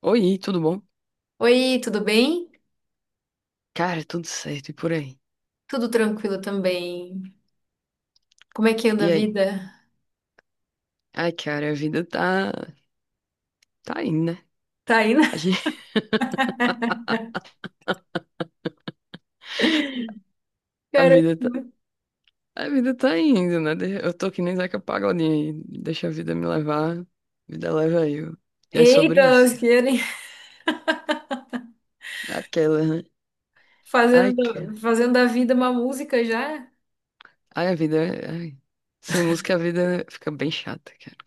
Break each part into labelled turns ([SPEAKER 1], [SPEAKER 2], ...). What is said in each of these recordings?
[SPEAKER 1] Oi, tudo bom?
[SPEAKER 2] Oi, tudo bem?
[SPEAKER 1] Cara, tudo certo e por aí?
[SPEAKER 2] Tudo tranquilo também. Como é que anda a
[SPEAKER 1] E aí?
[SPEAKER 2] vida?
[SPEAKER 1] Ai, cara, a vida tá indo, né?
[SPEAKER 2] Tá aí, né?
[SPEAKER 1] A gente- a
[SPEAKER 2] Caramba.
[SPEAKER 1] vida tá a vida tá indo, né? Eu tô que nem Zeca Pagodinho, aí, deixa a vida me levar, vida leva eu. E é
[SPEAKER 2] Eita,
[SPEAKER 1] sobre isso.
[SPEAKER 2] elas querem
[SPEAKER 1] Aquela, né? Ai,
[SPEAKER 2] fazendo,
[SPEAKER 1] cara.
[SPEAKER 2] fazendo da vida uma música já?
[SPEAKER 1] Ai, a vida, ai. Sem música a vida fica bem chata, cara.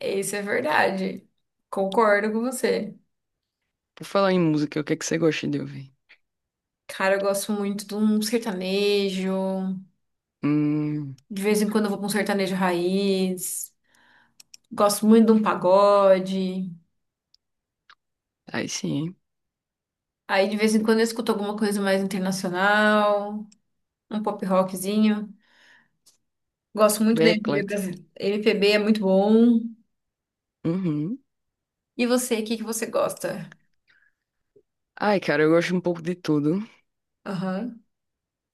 [SPEAKER 2] Isso é verdade. Concordo com você.
[SPEAKER 1] Por falar em música, o que é que você gosta de ouvir?
[SPEAKER 2] Cara, eu gosto muito de um sertanejo.
[SPEAKER 1] Hum,
[SPEAKER 2] De vez em quando eu vou pra um sertanejo raiz. Gosto muito de um pagode.
[SPEAKER 1] aí sim, hein?
[SPEAKER 2] Aí de vez em quando eu escuto alguma coisa mais internacional, um pop rockzinho. Gosto muito da
[SPEAKER 1] Bem
[SPEAKER 2] MPB
[SPEAKER 1] eclética.
[SPEAKER 2] brasileira. MPB é muito bom.
[SPEAKER 1] Uhum.
[SPEAKER 2] E você, o que que você gosta?
[SPEAKER 1] Ai, cara, eu gosto um pouco de tudo,
[SPEAKER 2] Aham.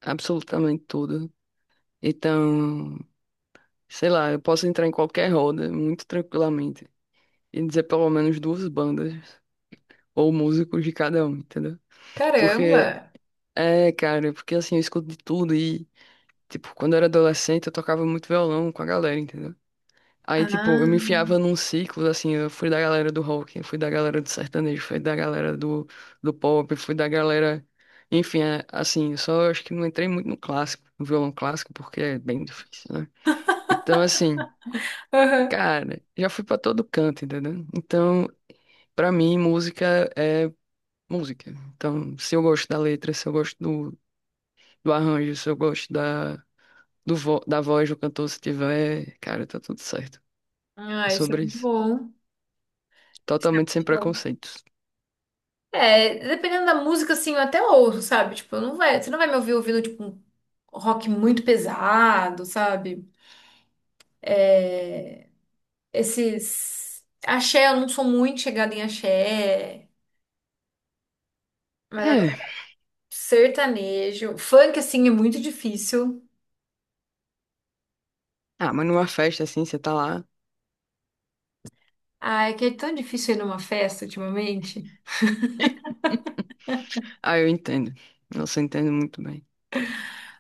[SPEAKER 1] absolutamente tudo. Então, sei lá, eu posso entrar em qualquer roda muito tranquilamente e dizer pelo menos duas bandas ou músicos de cada um, entendeu? Porque,
[SPEAKER 2] Caramba!
[SPEAKER 1] cara, porque assim, eu escuto de tudo e, tipo, quando eu era adolescente eu tocava muito violão com a galera, entendeu? Aí, tipo, eu me
[SPEAKER 2] Ah,
[SPEAKER 1] enfiava num ciclo, assim, eu fui da galera do rock, eu fui da galera do sertanejo, fui da galera do, do pop, fui da galera. Enfim, assim, eu só acho que não entrei muito no clássico, no violão clássico, porque é bem difícil, né? Então, assim,
[SPEAKER 2] aham.
[SPEAKER 1] cara, já fui pra todo canto, entendeu? Então, pra mim, música é música. Então, se eu gosto da letra, se eu gosto do arranjo, se eu gosto da voz do cantor, se tiver, cara, tá tudo certo. É
[SPEAKER 2] Ah, isso é
[SPEAKER 1] sobre
[SPEAKER 2] muito
[SPEAKER 1] isso.
[SPEAKER 2] bom. Isso é
[SPEAKER 1] Totalmente sem
[SPEAKER 2] muito bom.
[SPEAKER 1] preconceitos.
[SPEAKER 2] É, dependendo da música, assim, eu até ouço, sabe? Tipo, eu não vai, você não vai me ouvir ouvindo, tipo, um rock muito pesado, sabe? É, esses Axé, eu não sou muito chegada em axé, mas agora
[SPEAKER 1] É.
[SPEAKER 2] sertanejo. Funk, assim, é muito difícil.
[SPEAKER 1] Ah, mas numa festa assim, você tá lá.
[SPEAKER 2] Ai, que é tão difícil ir numa festa ultimamente.
[SPEAKER 1] Ah, eu entendo. Nossa, eu entendo muito bem.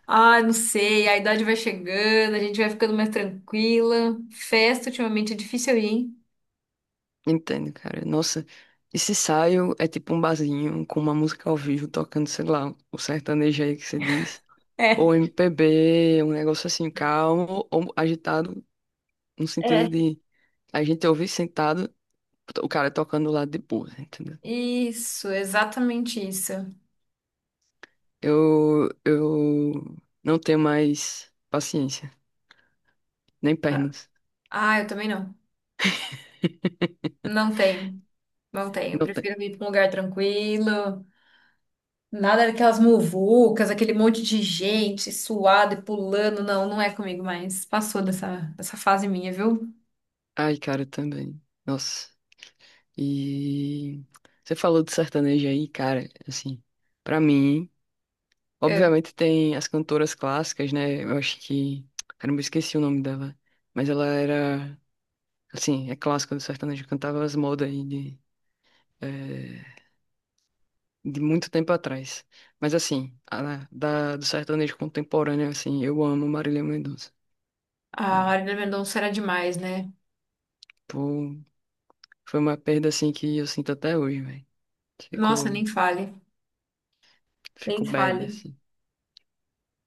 [SPEAKER 2] Ah, não sei, a idade vai chegando, a gente vai ficando mais tranquila. Festa ultimamente é difícil eu ir, hein?
[SPEAKER 1] Entendo, cara. Nossa, esse ensaio é tipo um barzinho com uma música ao vivo tocando, sei lá, o sertanejo aí que você diz.
[SPEAKER 2] É.
[SPEAKER 1] Ou MPB, um negócio assim, calmo ou agitado, no sentido
[SPEAKER 2] É.
[SPEAKER 1] de a gente ouvir sentado o cara tocando do lado de boa, entendeu?
[SPEAKER 2] Isso, exatamente isso.
[SPEAKER 1] Eu não tenho mais paciência, nem pernas.
[SPEAKER 2] Ah, eu também não. Não tenho, não tenho. Eu
[SPEAKER 1] Não tenho.
[SPEAKER 2] prefiro ir para um lugar tranquilo. Nada daquelas muvucas, aquele monte de gente suada e pulando. Não, não é comigo mais. Passou dessa, dessa fase minha, viu?
[SPEAKER 1] Ai, cara, eu também. Nossa. E você falou de sertanejo aí, cara, assim, pra mim,
[SPEAKER 2] É.
[SPEAKER 1] obviamente tem as cantoras clássicas, né? Eu acho que, cara, eu me esqueci o nome dela, mas ela era. Sim, é clássico do sertanejo. Cantava as modas aí eh, de muito tempo atrás. Mas assim, do sertanejo contemporâneo, assim, eu amo Marília Mendonça.
[SPEAKER 2] Ah, a
[SPEAKER 1] Cara,
[SPEAKER 2] Marina Mendonça era demais, né?
[SPEAKER 1] pô, foi uma perda, assim, que eu sinto até hoje, velho.
[SPEAKER 2] Nossa,
[SPEAKER 1] Fico,
[SPEAKER 2] nem fale. Nem
[SPEAKER 1] fico bad,
[SPEAKER 2] fale.
[SPEAKER 1] assim.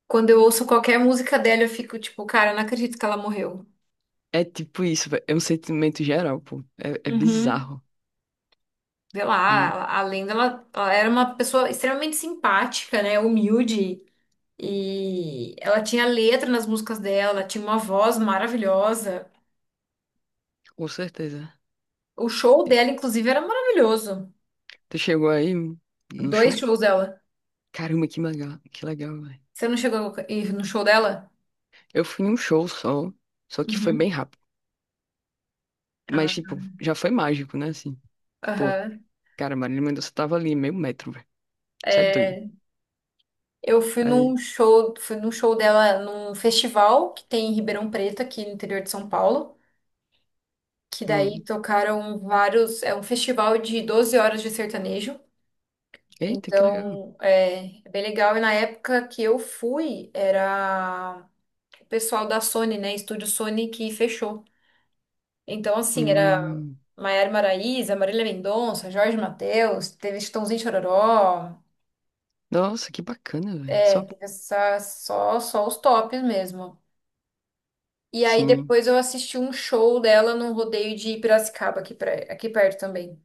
[SPEAKER 2] Quando eu ouço qualquer música dela, eu fico tipo, cara, eu não acredito que ela morreu.
[SPEAKER 1] É tipo isso, velho. É um sentimento geral, pô. É
[SPEAKER 2] Uhum.
[SPEAKER 1] bizarro.
[SPEAKER 2] Sei lá,
[SPEAKER 1] E
[SPEAKER 2] a lenda, ela era uma pessoa extremamente simpática, né? Humilde. E ela tinha letra nas músicas dela, tinha uma voz maravilhosa.
[SPEAKER 1] com certeza.
[SPEAKER 2] O show
[SPEAKER 1] E
[SPEAKER 2] dela, inclusive, era maravilhoso.
[SPEAKER 1] tu chegou aí no
[SPEAKER 2] Dois
[SPEAKER 1] show?
[SPEAKER 2] shows dela.
[SPEAKER 1] Caramba, que legal, velho.
[SPEAKER 2] Você não chegou a ir no show dela?
[SPEAKER 1] Eu fui em um show só, só que foi bem
[SPEAKER 2] Uhum.
[SPEAKER 1] rápido.
[SPEAKER 2] Ah,
[SPEAKER 1] Mas, tipo, já foi mágico, né? Assim, pô,
[SPEAKER 2] aham.
[SPEAKER 1] cara, Marília Mendonça tava ali, meio metro, velho. Isso é doido.
[SPEAKER 2] É, eu
[SPEAKER 1] Aí,
[SPEAKER 2] fui num show dela num festival que tem em Ribeirão Preto, aqui no interior de São Paulo. Que daí
[SPEAKER 1] hum,
[SPEAKER 2] tocaram vários. É um festival de 12 horas de sertanejo.
[SPEAKER 1] eita, que legal.
[SPEAKER 2] Então, é, é bem legal. E na época que eu fui, era o pessoal da Sony, né? Estúdio Sony que fechou. Então, assim, era
[SPEAKER 1] Hum,
[SPEAKER 2] Maiara Maraíza, Marília Mendonça, Jorge Mateus, teve Chitãozinho e Chororó,
[SPEAKER 1] nossa, que bacana, velho.
[SPEAKER 2] é,
[SPEAKER 1] Só,
[SPEAKER 2] teve essa, só, só os tops mesmo. E aí
[SPEAKER 1] sim.
[SPEAKER 2] depois eu assisti um show dela num rodeio de Piracicaba, aqui, pra, aqui perto também.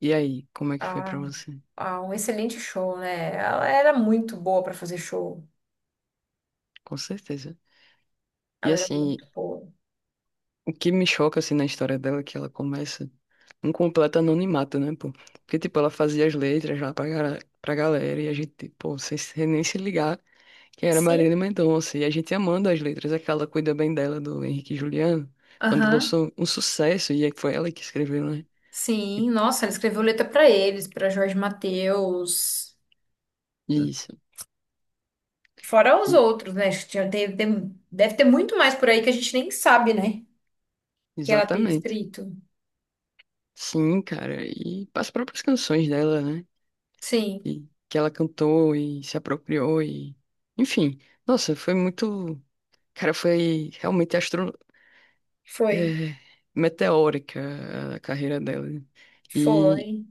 [SPEAKER 1] E aí, como é que foi
[SPEAKER 2] A
[SPEAKER 1] pra você?
[SPEAKER 2] ah, um excelente show, né? Ela era muito boa pra fazer show.
[SPEAKER 1] Com certeza. E
[SPEAKER 2] Ela era muito
[SPEAKER 1] assim,
[SPEAKER 2] boa.
[SPEAKER 1] o que me choca, assim, na história dela é que ela começa um completo anonimato, né, pô? Porque, tipo, ela fazia as letras lá pra galera e a gente, pô, sem nem se ligar que era
[SPEAKER 2] Sim.
[SPEAKER 1] Marília Mendonça. E a gente amando as letras, aquela cuida bem dela, do Henrique e Juliano, quando
[SPEAKER 2] Aham.
[SPEAKER 1] lançou um sucesso, e aí foi ela que escreveu, né? E-
[SPEAKER 2] Sim, nossa, ela escreveu letra pra eles, pra Jorge Mateus,
[SPEAKER 1] e isso,
[SPEAKER 2] fora os
[SPEAKER 1] e-
[SPEAKER 2] outros, né? Tinha- tem- tem- deve ter muito mais por aí que a gente nem sabe, né? Que ela tem
[SPEAKER 1] exatamente.
[SPEAKER 2] escrito.
[SPEAKER 1] Sim, cara, e as próprias canções dela, né?
[SPEAKER 2] Sim,
[SPEAKER 1] E que ela cantou e se apropriou e... Enfim, nossa, foi muito... Cara, foi realmente
[SPEAKER 2] foi,
[SPEAKER 1] é, meteórica a carreira dela, né? E,
[SPEAKER 2] foi.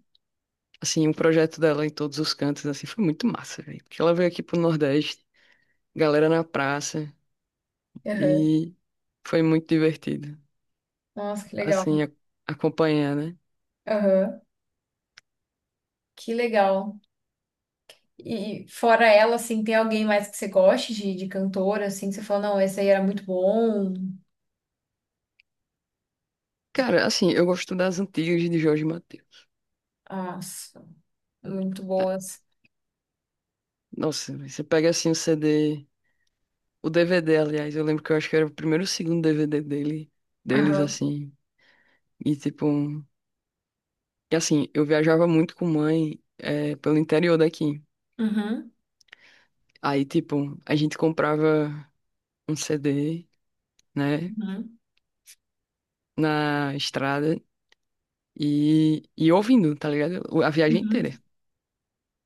[SPEAKER 1] assim, o projeto dela em todos os cantos, assim, foi muito massa, velho. Porque ela veio aqui pro Nordeste, galera na praça,
[SPEAKER 2] Aham.
[SPEAKER 1] e foi muito divertido,
[SPEAKER 2] Nossa, que legal.
[SPEAKER 1] assim, acompanhar, né?
[SPEAKER 2] Aham. Que legal. E fora ela, assim, tem alguém mais que você goste de cantora, assim, que você fala, não, esse aí era muito bom.
[SPEAKER 1] Cara, assim, eu gosto das antigas de Jorge Mateus.
[SPEAKER 2] Ah, muito
[SPEAKER 1] Ah,
[SPEAKER 2] boas.
[SPEAKER 1] nossa, velho, você pega, assim, o CD, o DVD, aliás, eu lembro que eu acho que era o primeiro ou segundo DVD dele, deles,
[SPEAKER 2] Aham.
[SPEAKER 1] assim, e, tipo, e assim, eu viajava muito com mãe, pelo interior daqui.
[SPEAKER 2] Uhum.
[SPEAKER 1] Aí, tipo, a gente comprava um CD, né,
[SPEAKER 2] Uhum.
[SPEAKER 1] na estrada e ouvindo, tá ligado? A viagem
[SPEAKER 2] Uhum.
[SPEAKER 1] inteira.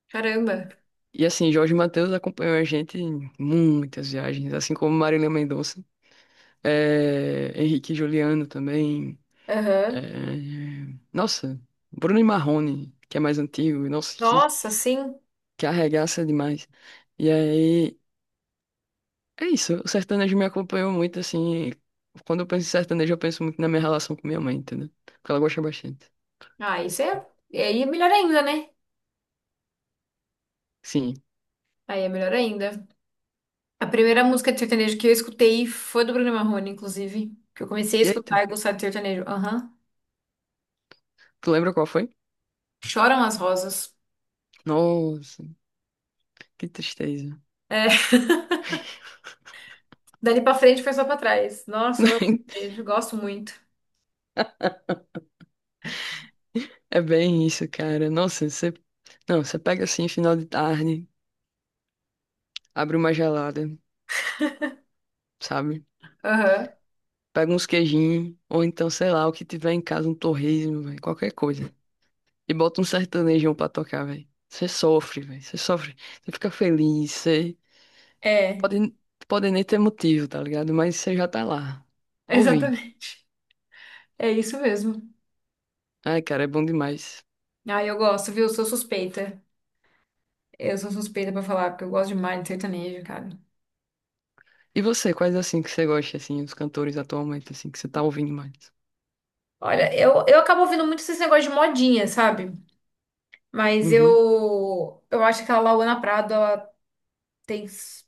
[SPEAKER 2] Caramba.
[SPEAKER 1] E assim, Jorge Mateus acompanhou a gente em muitas viagens, assim como Marília Mendonça, Henrique e Juliano também.
[SPEAKER 2] Aham.
[SPEAKER 1] eh, Nossa, Bruno e Marrone, que é mais antigo, nossa, que,
[SPEAKER 2] Nossa, sim.
[SPEAKER 1] que arregaça demais. E aí, é isso, o sertanejo me acompanhou muito, assim. Quando eu penso em sertanejo, eu penso muito na minha relação com minha mãe, entendeu? Porque ela gosta bastante.
[SPEAKER 2] Ah, isso é. E aí é melhor ainda, né?
[SPEAKER 1] Sim.
[SPEAKER 2] Aí é melhor ainda. A primeira música de sertanejo que eu escutei foi do Bruno Marrone, inclusive. Que eu comecei a escutar e
[SPEAKER 1] Eita,
[SPEAKER 2] gostar de sertanejo. Aham.
[SPEAKER 1] tu lembra qual foi?
[SPEAKER 2] Choram as rosas.
[SPEAKER 1] Nossa, que tristeza.
[SPEAKER 2] É. Dali pra frente foi só pra trás. Nossa, eu amo sertanejo, gosto muito.
[SPEAKER 1] É bem isso, cara. Nossa, você. Não, você pega assim, final de tarde, abre uma gelada, sabe?
[SPEAKER 2] Aham.
[SPEAKER 1] Pega uns queijinhos, ou então, sei lá, o que tiver em casa, um torresmo, velho, qualquer coisa. E bota um sertanejão pra tocar, velho. Você sofre, velho. Você sofre. Você fica feliz.
[SPEAKER 2] É,
[SPEAKER 1] Pode, pode nem ter motivo, tá ligado? Mas você já tá lá. Ouvindo.
[SPEAKER 2] exatamente. É isso mesmo.
[SPEAKER 1] Ai, cara, é bom demais.
[SPEAKER 2] Ah, eu gosto, viu? Sou suspeita. Eu sou suspeita pra falar, porque eu gosto demais de sertanejo, cara.
[SPEAKER 1] E você, quais assim que você gosta, assim, os cantores atualmente, assim, que você tá ouvindo mais?
[SPEAKER 2] Olha, eu acabo ouvindo muito esses negócio de modinha, sabe? Mas
[SPEAKER 1] Uhum.
[SPEAKER 2] eu acho que a Lauana Prado, ela tem s-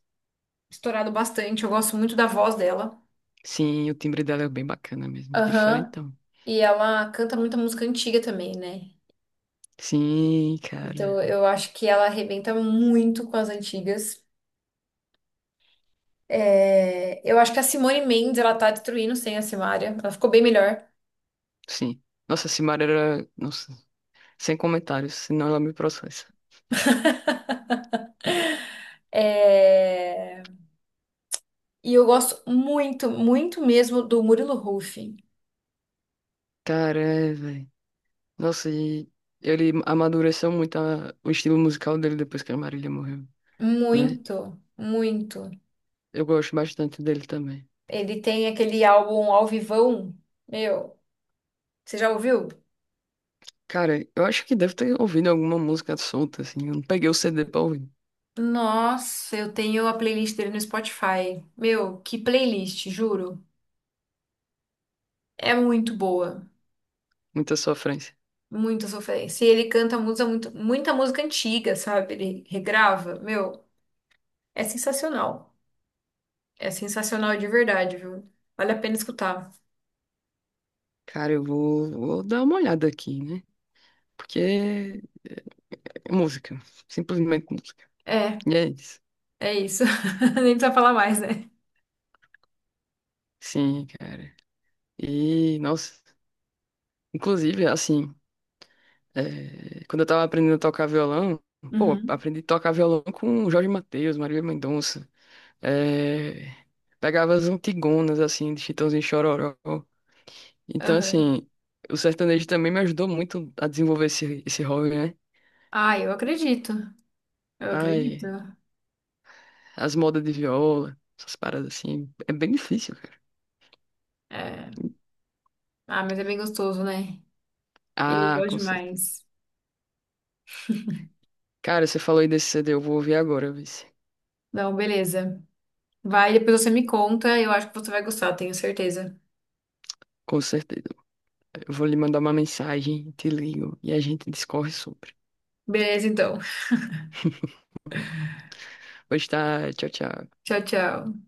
[SPEAKER 2] estourado bastante. Eu gosto muito da voz dela.
[SPEAKER 1] Sim, o timbre dela é bem bacana mesmo.
[SPEAKER 2] Aham.
[SPEAKER 1] Diferentão.
[SPEAKER 2] E ela canta muita música antiga também, né?
[SPEAKER 1] Sim,
[SPEAKER 2] Então
[SPEAKER 1] cara.
[SPEAKER 2] eu acho que ela arrebenta muito com as antigas. É, eu acho que a Simone Mendes, ela tá destruindo sem a Simaria. Ela ficou bem melhor.
[SPEAKER 1] Sim. Nossa, Simara era. Nossa, sem comentários, senão ela me processa.
[SPEAKER 2] É, e eu gosto muito, muito mesmo do Murilo Huff.
[SPEAKER 1] Cara, velho. Nossa, e ele amadureceu muito o estilo musical dele depois que a Marília morreu, né?
[SPEAKER 2] Muito, muito.
[SPEAKER 1] Eu gosto bastante dele também.
[SPEAKER 2] Ele tem aquele álbum Ao Vivão. Meu, você já ouviu?
[SPEAKER 1] Cara, eu acho que deve ter ouvido alguma música solta, assim. Eu não peguei o CD pra ouvir.
[SPEAKER 2] Nossa, eu tenho a playlist dele no Spotify. Meu, que playlist, juro. É muito boa.
[SPEAKER 1] Muita sofrência.
[SPEAKER 2] Muita sofrência. E ele canta muita, muito, muita música antiga, sabe? Ele regrava. Meu, é sensacional. É sensacional de verdade, viu? Vale a pena escutar.
[SPEAKER 1] Cara, eu vou dar uma olhada aqui, né? Porque é música. Simplesmente música.
[SPEAKER 2] É,
[SPEAKER 1] E é isso.
[SPEAKER 2] é isso. Nem precisa falar mais, né?
[SPEAKER 1] Sim, cara. E, nossa. Inclusive, assim, é, quando eu tava aprendendo a tocar violão, pô,
[SPEAKER 2] Uhum.
[SPEAKER 1] aprendi a tocar violão com Jorge Mateus, Marília Mendonça. É, pegava as antigonas, assim, de Chitãozinho e Chororó. Então,
[SPEAKER 2] Aham.
[SPEAKER 1] assim, o sertanejo também me ajudou muito a desenvolver esse hobby, né?
[SPEAKER 2] Ah, eu acredito. Eu acredito.
[SPEAKER 1] Ai, as modas de viola, essas paradas assim, é bem difícil, cara.
[SPEAKER 2] É. Ah, mas é bem gostoso, né? Eu
[SPEAKER 1] Ah,
[SPEAKER 2] gosto
[SPEAKER 1] com certeza.
[SPEAKER 2] demais.
[SPEAKER 1] Cara, você falou aí desse CD, eu vou ouvir agora, vice.
[SPEAKER 2] Não, beleza. Vai, depois você me conta. Eu acho que você vai gostar, tenho certeza.
[SPEAKER 1] Com certeza. Eu vou lhe mandar uma mensagem, te ligo e a gente discorre sobre.
[SPEAKER 2] Beleza, então.
[SPEAKER 1] Pois tá, tchau, tchau.
[SPEAKER 2] Tchau, tchau.